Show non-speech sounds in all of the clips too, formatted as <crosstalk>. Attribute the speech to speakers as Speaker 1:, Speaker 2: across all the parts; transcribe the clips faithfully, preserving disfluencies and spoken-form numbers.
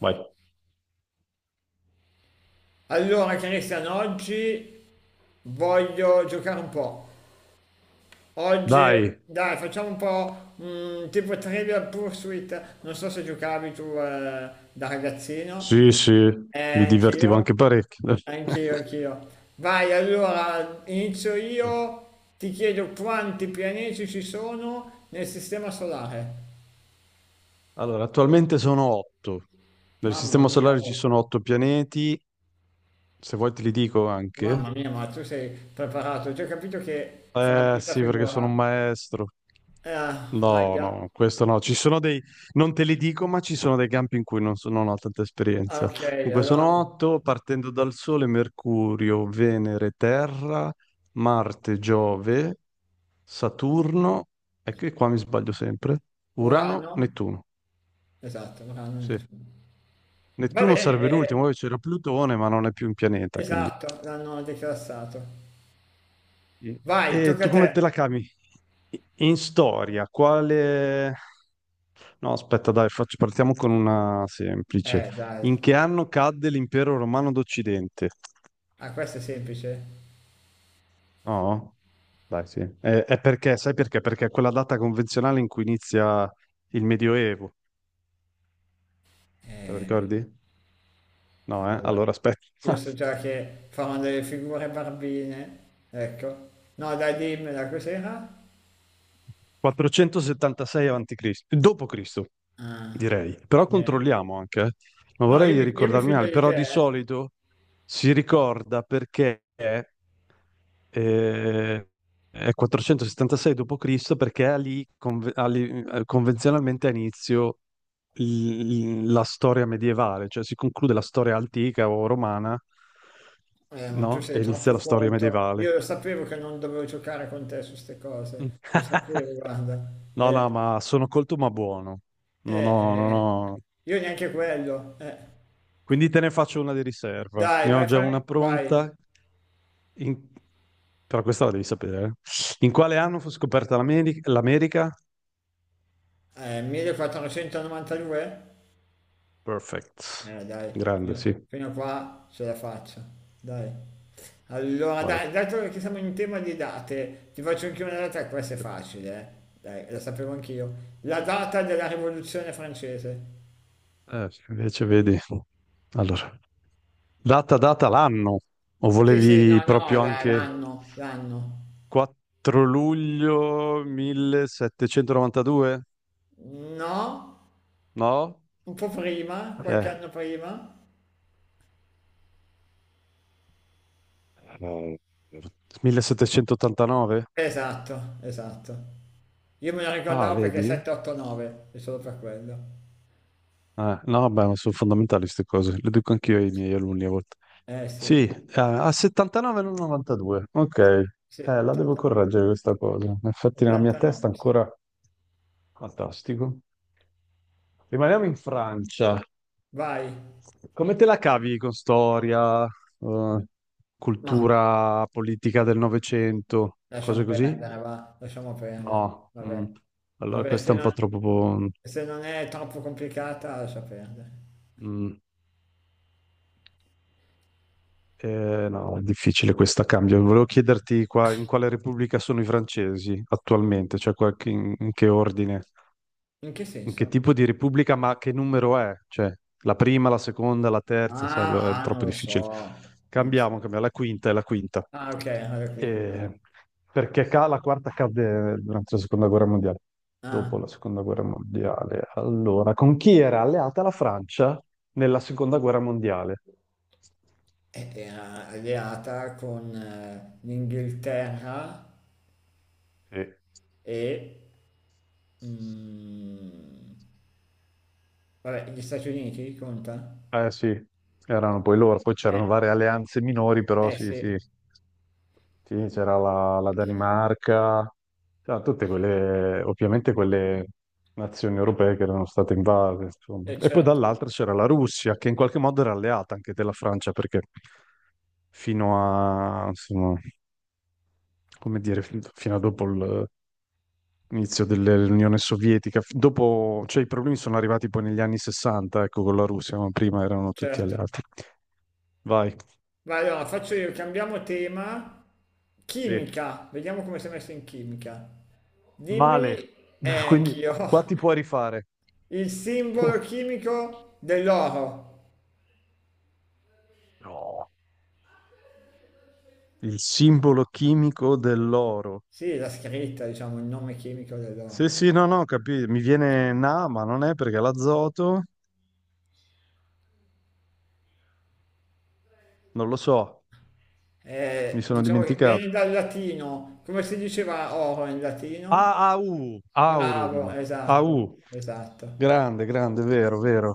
Speaker 1: Vai.
Speaker 2: Allora, Cristian, oggi voglio giocare un po'. Oggi,
Speaker 1: Dai,
Speaker 2: dai, facciamo un po' mm, tipo Trivial Pursuit. Non so se giocavi tu eh, da ragazzino.
Speaker 1: sì, sì,
Speaker 2: Eh,
Speaker 1: mi divertivo
Speaker 2: anch'io,
Speaker 1: anche parecchio.
Speaker 2: anch'io, anch'io. Vai, allora, inizio io.
Speaker 1: <laughs>
Speaker 2: Ti chiedo quanti pianeti ci sono nel sistema solare.
Speaker 1: Allora, attualmente sono otto. Nel
Speaker 2: Mamma
Speaker 1: sistema
Speaker 2: mia,
Speaker 1: solare ci
Speaker 2: oh.
Speaker 1: sono otto pianeti. Se vuoi te li dico anche.
Speaker 2: Mamma mia, ma tu sei preparato. Ho già capito che farà
Speaker 1: Eh
Speaker 2: brutta
Speaker 1: sì, perché sono
Speaker 2: figura.
Speaker 1: un maestro.
Speaker 2: Eh,
Speaker 1: No,
Speaker 2: ahia.
Speaker 1: no, questo no. Ci sono dei... Non te li dico, ma ci sono dei campi in cui non, so- non ho tanta
Speaker 2: Ah,
Speaker 1: esperienza.
Speaker 2: ok,
Speaker 1: Comunque
Speaker 2: allora
Speaker 1: sono otto, partendo dal Sole, Mercurio, Venere, Terra, Marte, Giove, Saturno, e che qua mi sbaglio sempre.
Speaker 2: Urano?
Speaker 1: Urano, Nettuno.
Speaker 2: Esatto, Urano e
Speaker 1: Sì.
Speaker 2: Nettuno. Va
Speaker 1: Nettuno
Speaker 2: bene,
Speaker 1: sarebbe l'ultimo,
Speaker 2: eh,
Speaker 1: poi c'era Plutone, ma non è più un pianeta, quindi.
Speaker 2: esatto, l'hanno declassato.
Speaker 1: Sì.
Speaker 2: Vai,
Speaker 1: E
Speaker 2: tocca
Speaker 1: tu
Speaker 2: a te.
Speaker 1: come te la cavi? In storia, quale... No, aspetta, dai, faccio- partiamo con una semplice.
Speaker 2: Eh, dai.
Speaker 1: In che anno cadde l'impero romano d'Occidente?
Speaker 2: Ah, questo è semplice.
Speaker 1: No, dai, sì. È, è perché, sai perché? Perché è quella data convenzionale in cui inizia il Medioevo. Te la
Speaker 2: Eh,
Speaker 1: ricordi? No, eh?
Speaker 2: cavolo.
Speaker 1: Allora aspetta.
Speaker 2: Io
Speaker 1: <laughs>
Speaker 2: so già che fanno delle figure barbine. Ecco. No, dai, dimmela, cos'era?
Speaker 1: quattrocentosettantasei avanti Cristo, dopo Cristo,
Speaker 2: Ah,
Speaker 1: direi. Però
Speaker 2: eh.
Speaker 1: controlliamo anche, eh. Non
Speaker 2: No, io
Speaker 1: vorrei
Speaker 2: mi, io mi
Speaker 1: ricordarmi male,
Speaker 2: fido di
Speaker 1: però
Speaker 2: te,
Speaker 1: di
Speaker 2: eh.
Speaker 1: solito si ricorda perché eh, è quattrocentosettantasei dopo Cristo, perché è lì conve- ha lì, eh, convenzionalmente a inizio l- la storia medievale, cioè si conclude la storia antica o romana,
Speaker 2: Eh, ma tu
Speaker 1: no?
Speaker 2: sei
Speaker 1: E inizia la
Speaker 2: troppo
Speaker 1: storia
Speaker 2: colto.
Speaker 1: medievale.
Speaker 2: Io lo sapevo che non dovevo giocare con te su queste
Speaker 1: Mm.
Speaker 2: cose. Lo
Speaker 1: <laughs>
Speaker 2: sapevo, guarda.
Speaker 1: No,
Speaker 2: Eh,
Speaker 1: no, ma sono colto ma buono.
Speaker 2: eh,
Speaker 1: Non ho, non
Speaker 2: eh.
Speaker 1: ho...
Speaker 2: Io neanche quello. Eh.
Speaker 1: Quindi te ne faccio una di riserva.
Speaker 2: Dai,
Speaker 1: Ne ho
Speaker 2: vai,
Speaker 1: già una
Speaker 2: fai, vai.
Speaker 1: pronta. In- Però questa la devi sapere. Eh. In quale anno fu scoperta l'Ameri- l'America?
Speaker 2: Eh, millequattrocentonovantadue?
Speaker 1: Perfect.
Speaker 2: Eh, dai,
Speaker 1: Grande,
Speaker 2: fino,
Speaker 1: sì.
Speaker 2: fino a qua ce la faccio. Dai. Allora,
Speaker 1: Vai.
Speaker 2: dai, dato che siamo in tema di date, ti faccio anche una data, questa è facile, eh. Dai, la sapevo anch'io. La data della Rivoluzione francese.
Speaker 1: Eh, sì, invece vedi. Allora, data, data l'anno. O
Speaker 2: Sì, sì, no,
Speaker 1: volevi
Speaker 2: no,
Speaker 1: proprio
Speaker 2: la-
Speaker 1: anche
Speaker 2: l'anno, l'anno.
Speaker 1: quattro luglio millesettecentonovantadue?
Speaker 2: No,
Speaker 1: No?
Speaker 2: un po' prima, qualche
Speaker 1: Eh.
Speaker 2: anno prima.
Speaker 1: Eh, millesettecentottantanove?
Speaker 2: Esatto, esatto. Io me lo
Speaker 1: Ah,
Speaker 2: ricordavo perché
Speaker 1: vedi?
Speaker 2: sette, otto, nove, è solo per quello.
Speaker 1: Eh, no, beh, ma sono fondamentali queste cose, le dico anch'io ai miei alunni a volte.
Speaker 2: Eh sì,
Speaker 1: Sì, eh, a settantanove non novantadue. Ok,
Speaker 2: sì,
Speaker 1: eh, la devo
Speaker 2: ottantanove,
Speaker 1: correggere questa cosa. Infatti nella mia testa
Speaker 2: ottantanove, sì.
Speaker 1: ancora fantastico. Rimaniamo in Francia.
Speaker 2: Vai,
Speaker 1: Come te la cavi con storia, eh,
Speaker 2: ma
Speaker 1: cultura politica del Novecento,
Speaker 2: lasciamo
Speaker 1: cose
Speaker 2: perdere,
Speaker 1: così?
Speaker 2: va, lasciamo perdere.
Speaker 1: No. Mm.
Speaker 2: Vabbè,
Speaker 1: Allora
Speaker 2: vabbè,
Speaker 1: questa
Speaker 2: se
Speaker 1: è un po'
Speaker 2: non,
Speaker 1: troppo...
Speaker 2: se non è troppo complicata, lascia perdere.
Speaker 1: mm. Eh, no, è difficile questa cambio. Volevo chiederti qua in quale repubblica sono i francesi attualmente, cioè qualche- in, in che ordine,
Speaker 2: In che
Speaker 1: in che
Speaker 2: senso?
Speaker 1: tipo di repubblica, ma che numero è? Cioè, la prima, la seconda, la terza, sai, è
Speaker 2: Ah, ah,
Speaker 1: troppo
Speaker 2: non lo so.
Speaker 1: difficile.
Speaker 2: Non lo so.
Speaker 1: Cambiamo, cambiamo, la quinta è la quinta.
Speaker 2: Ah, ok, alla quinta. Ah.
Speaker 1: Eh, perché ca- la quarta cadde durante la seconda guerra mondiale. Dopo
Speaker 2: Ah,
Speaker 1: la seconda guerra mondiale. Allora, con chi era alleata la Francia nella seconda guerra mondiale?
Speaker 2: e- era alleata con eh, l'Inghilterra
Speaker 1: Sì.
Speaker 2: e mm, vabbè, gli Stati Uniti, conta?
Speaker 1: Eh sì, erano poi loro, poi
Speaker 2: Eh,
Speaker 1: c'erano varie alleanze minori, però
Speaker 2: eh
Speaker 1: sì,
Speaker 2: sì,
Speaker 1: sì, sì, c'era la, la Danimarca, c'era tutte quelle, ovviamente quelle nazioni europee che erano state invase, insomma.
Speaker 2: eh,
Speaker 1: E poi
Speaker 2: certo,
Speaker 1: dall'altra c'era la Russia, che in qualche modo era alleata anche della Francia, perché fino a, insomma, come dire, fin- fino a dopo il- l'inizio dell'Unione Sovietica, f- dopo, cioè i problemi sono arrivati poi negli anni sessanta, ecco, con la Russia, ma prima erano tutti
Speaker 2: certo.
Speaker 1: alleati. Vai.
Speaker 2: Ma allora faccio io, cambiamo tema.
Speaker 1: Sì.
Speaker 2: Chimica, vediamo come sei messo in chimica. Dimmi,
Speaker 1: Male.
Speaker 2: eh,
Speaker 1: <laughs> Quindi
Speaker 2: anch'io,
Speaker 1: qua ti puoi
Speaker 2: <laughs>
Speaker 1: rifare.
Speaker 2: il simbolo
Speaker 1: <laughs>
Speaker 2: chimico dell'oro.
Speaker 1: No, il simbolo chimico dell'oro.
Speaker 2: Sì, la scritta, diciamo, il nome chimico
Speaker 1: Sì,
Speaker 2: dell'oro.
Speaker 1: sì, no, no, capito. Mi viene Na, ma non è perché l'azoto, non lo so, mi
Speaker 2: Eh,
Speaker 1: sono
Speaker 2: diciamo che vieni
Speaker 1: dimenticato.
Speaker 2: dal latino, come si diceva oro in latino?
Speaker 1: Ah, A U,
Speaker 2: Bravo,
Speaker 1: Aurum,
Speaker 2: esatto,
Speaker 1: A U.
Speaker 2: esatto.
Speaker 1: Grande, grande, vero, vero.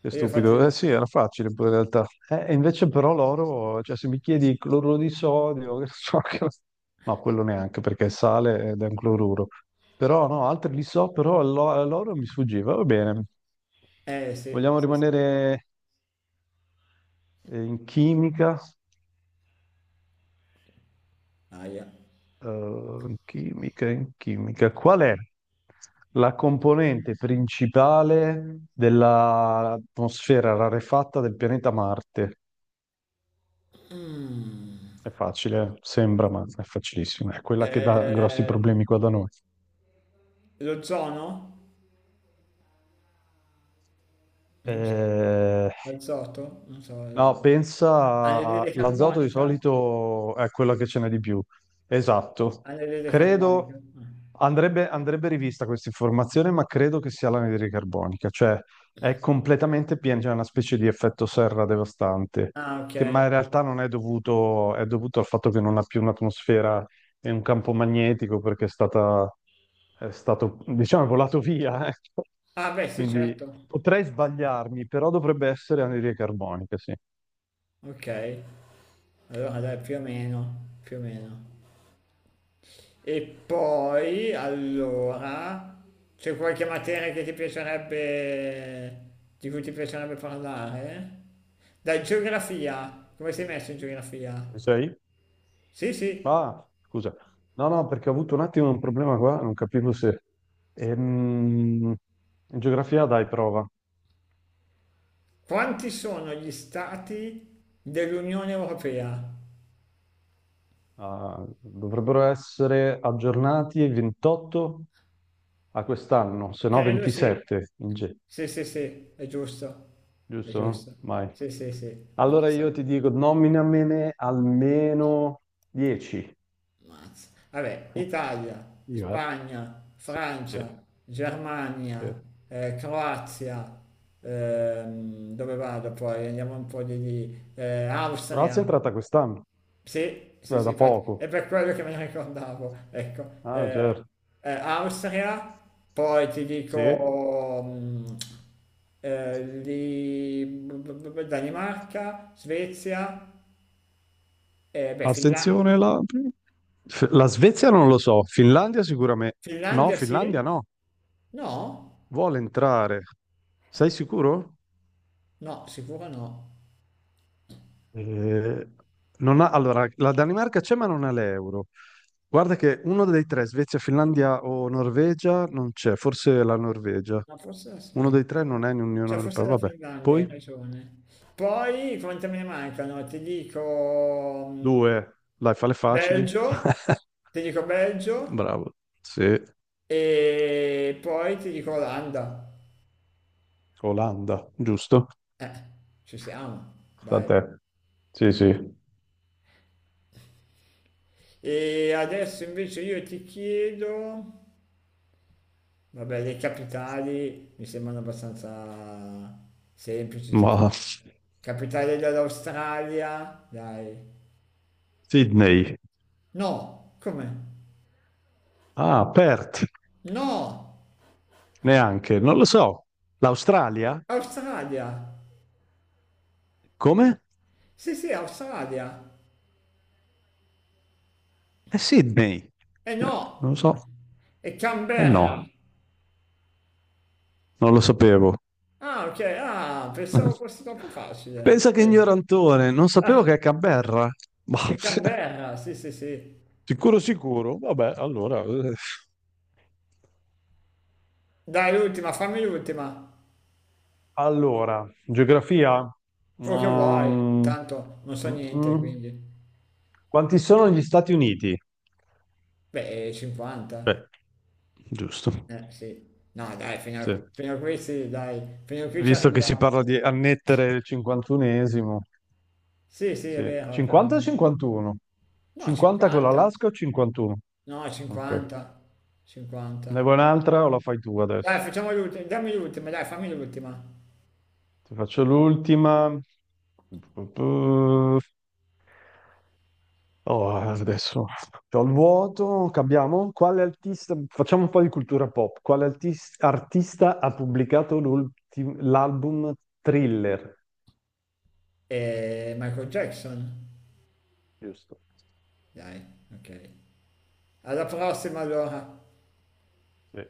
Speaker 1: Che
Speaker 2: E io faccio...
Speaker 1: stupido. Eh sì, era facile poi in realtà. Eh, e invece però l'oro, cioè se mi chiedi cloruro di sodio, <laughs> che so che... No, quello neanche perché è sale ed è un cloruro. Però no, altri li so, però l'o- l'oro mi sfuggiva. Va bene.
Speaker 2: Eh sì,
Speaker 1: Vogliamo
Speaker 2: sì, sì.
Speaker 1: rimanere eh, in chimica?
Speaker 2: Aia.
Speaker 1: Eh, in chimica, in chimica. Qual è la componente principale dell'atmosfera rarefatta del pianeta Marte?
Speaker 2: Mm.
Speaker 1: È facile, sembra, ma è facilissimo. È quella che dà grossi
Speaker 2: Eh,
Speaker 1: problemi qua da noi.
Speaker 2: lo zono? Non so.
Speaker 1: Eh,
Speaker 2: L'azoto? Non so.
Speaker 1: no,
Speaker 2: il-
Speaker 1: pensa,
Speaker 2: Anidride
Speaker 1: l'azoto di
Speaker 2: carbonica?
Speaker 1: solito è quella che ce n'è di più. Esatto.
Speaker 2: Anidride
Speaker 1: Credo,
Speaker 2: carbonica.
Speaker 1: andrebbe, andrebbe rivista questa informazione, ma credo che sia l'anidride carbonica, cioè è completamente piena, c'è una specie di effetto serra devastante,
Speaker 2: Ah, ah, ok.
Speaker 1: che, ma in realtà non è dovuto, è dovuto al fatto che non ha più un'atmosfera e un campo magnetico perché è stata è stato, diciamo, volato via, <laughs> ecco.
Speaker 2: Ah, beh, sì,
Speaker 1: Quindi
Speaker 2: certo.
Speaker 1: potrei sbagliarmi, però dovrebbe essere anidride carbonica, sì.
Speaker 2: Ok. Allora, dai, più o meno, più o meno. E poi, allora, c'è qualche materia che ti piacerebbe, di cui ti piacerebbe parlare? Dai, geografia. Come sei messo in
Speaker 1: Ci
Speaker 2: geografia?
Speaker 1: sei?
Speaker 2: Sì, sì.
Speaker 1: Ah, scusa. No, no, perché ho avuto un attimo un problema qua, non capivo se... Ehm, in geografia dai prova.
Speaker 2: Quanti sono gli stati dell'Unione Europea?
Speaker 1: Ah, dovrebbero essere aggiornati il ventotto a quest'anno, se no
Speaker 2: Credo sì.
Speaker 1: ventisette in G,
Speaker 2: Sì, sì, sì, è giusto. È
Speaker 1: giusto?
Speaker 2: giusto.
Speaker 1: Mai.
Speaker 2: Sì, sì, sì.
Speaker 1: Allora io
Speaker 2: Mazza.
Speaker 1: ti dico, nominamene almeno dieci.
Speaker 2: Mazza. Vabbè, Italia,
Speaker 1: Io, eh.
Speaker 2: Spagna,
Speaker 1: Sì,
Speaker 2: Francia,
Speaker 1: sì.
Speaker 2: Germania, eh, Croazia, ehm, dove vado poi? Andiamo un po' di lì. Eh,
Speaker 1: Croazia è
Speaker 2: Austria,
Speaker 1: entrata quest'anno,
Speaker 2: sì, sì,
Speaker 1: eh,
Speaker 2: sì,
Speaker 1: da
Speaker 2: infatti,
Speaker 1: poco.
Speaker 2: è per quello che me ne ricordavo, ecco.
Speaker 1: Ah,
Speaker 2: Eh,
Speaker 1: certo.
Speaker 2: eh, Austria, poi ti
Speaker 1: Sì.
Speaker 2: dico mm, eh, lì, Danimarca, Svezia, eh, beh, Finla-
Speaker 1: Attenzione, la... F- la Svezia non lo so, Finlandia sicuramente. No,
Speaker 2: Finlandia,
Speaker 1: Finlandia
Speaker 2: sì,
Speaker 1: no,
Speaker 2: no?
Speaker 1: vuole entrare. Sei sicuro?
Speaker 2: No, sicuro no.
Speaker 1: Eh, Non ha- allora, la Danimarca c'è ma non ha l'euro. Guarda che uno dei tre, Svezia, Finlandia o Norvegia, non c'è, forse la Norvegia.
Speaker 2: Ma forse la
Speaker 1: Uno dei tre
Speaker 2: Svezia.
Speaker 1: non è in Unione
Speaker 2: Cioè, forse
Speaker 1: Europea,
Speaker 2: la
Speaker 1: vabbè.
Speaker 2: Finlandia, hai
Speaker 1: Poi?
Speaker 2: ragione. Poi, quante me ne mancano? Ti dico mm,
Speaker 1: Due, dai, fale facili.
Speaker 2: Belgio,
Speaker 1: <laughs>
Speaker 2: ti dico Belgio
Speaker 1: Bravo. Sì,
Speaker 2: e poi ti dico Olanda.
Speaker 1: Olanda, giusto?
Speaker 2: Eh, ci siamo,
Speaker 1: Sta a
Speaker 2: dai.
Speaker 1: te. Sì, sì.
Speaker 2: E adesso invece io ti chiedo, vabbè, le capitali mi sembrano abbastanza semplici,
Speaker 1: Ma
Speaker 2: tipo capitale dell'Australia, dai,
Speaker 1: Sydney.
Speaker 2: No, come?
Speaker 1: Ah, Perth,
Speaker 2: No,
Speaker 1: neanche, non lo so. L'Australia?
Speaker 2: Australia.
Speaker 1: Come?
Speaker 2: Sì, sì, Australia.
Speaker 1: È Sydney.
Speaker 2: E
Speaker 1: Eh, Non lo
Speaker 2: no,
Speaker 1: so.
Speaker 2: è
Speaker 1: Eh
Speaker 2: Canberra.
Speaker 1: no, non lo sapevo.
Speaker 2: Ah, ok, ah, pensavo fosse
Speaker 1: <laughs>
Speaker 2: troppo facile.
Speaker 1: Pensa che
Speaker 2: Ok.
Speaker 1: ignorantone, non sapevo
Speaker 2: Ah,
Speaker 1: che è Canberra. Ma-
Speaker 2: è
Speaker 1: <laughs>
Speaker 2: Canberra, sì, sì, sì.
Speaker 1: Sicuro, sicuro. Vabbè, allora... eh.
Speaker 2: Dai, l'ultima, fammi l'ultima.
Speaker 1: Allora, geografia.
Speaker 2: Quello che vuoi.
Speaker 1: Mm,
Speaker 2: Tanto non so
Speaker 1: mm,
Speaker 2: niente,
Speaker 1: mm.
Speaker 2: quindi.
Speaker 1: Quanti sono gli Stati Uniti?
Speaker 2: Beh, cinquanta.
Speaker 1: Cioè, giusto.
Speaker 2: Eh, sì. No, dai, fino
Speaker 1: Sì.
Speaker 2: a, fino a qui sì, dai. Fino a qui ci
Speaker 1: Visto che si
Speaker 2: arriviamo.
Speaker 1: parla di annettere il cinquantunesimo.
Speaker 2: Sì, sì, è
Speaker 1: Sì.
Speaker 2: vero, però.
Speaker 1: cinquanta o cinquantuno?
Speaker 2: No,
Speaker 1: cinquanta con
Speaker 2: cinquanta.
Speaker 1: l'Alaska o cinquantuno?
Speaker 2: No,
Speaker 1: Ok.
Speaker 2: cinquanta. cinquanta.
Speaker 1: Ne vuoi un'altra o la fai tu
Speaker 2: Dai,
Speaker 1: adesso?
Speaker 2: facciamo l'ultima. Dammi l'ultima, dai, fammi l'ultima.
Speaker 1: Ti faccio l'ultima. Oh, adesso c'ho il vuoto, cambiamo. Quale artista, facciamo un po' di cultura pop. Quale artis- artista ha pubblicato l'ultim- l'album Thriller?
Speaker 2: Eh, Michael Jackson.
Speaker 1: Giusto.
Speaker 2: Dai, ok. Alla prossima allora.
Speaker 1: Sì.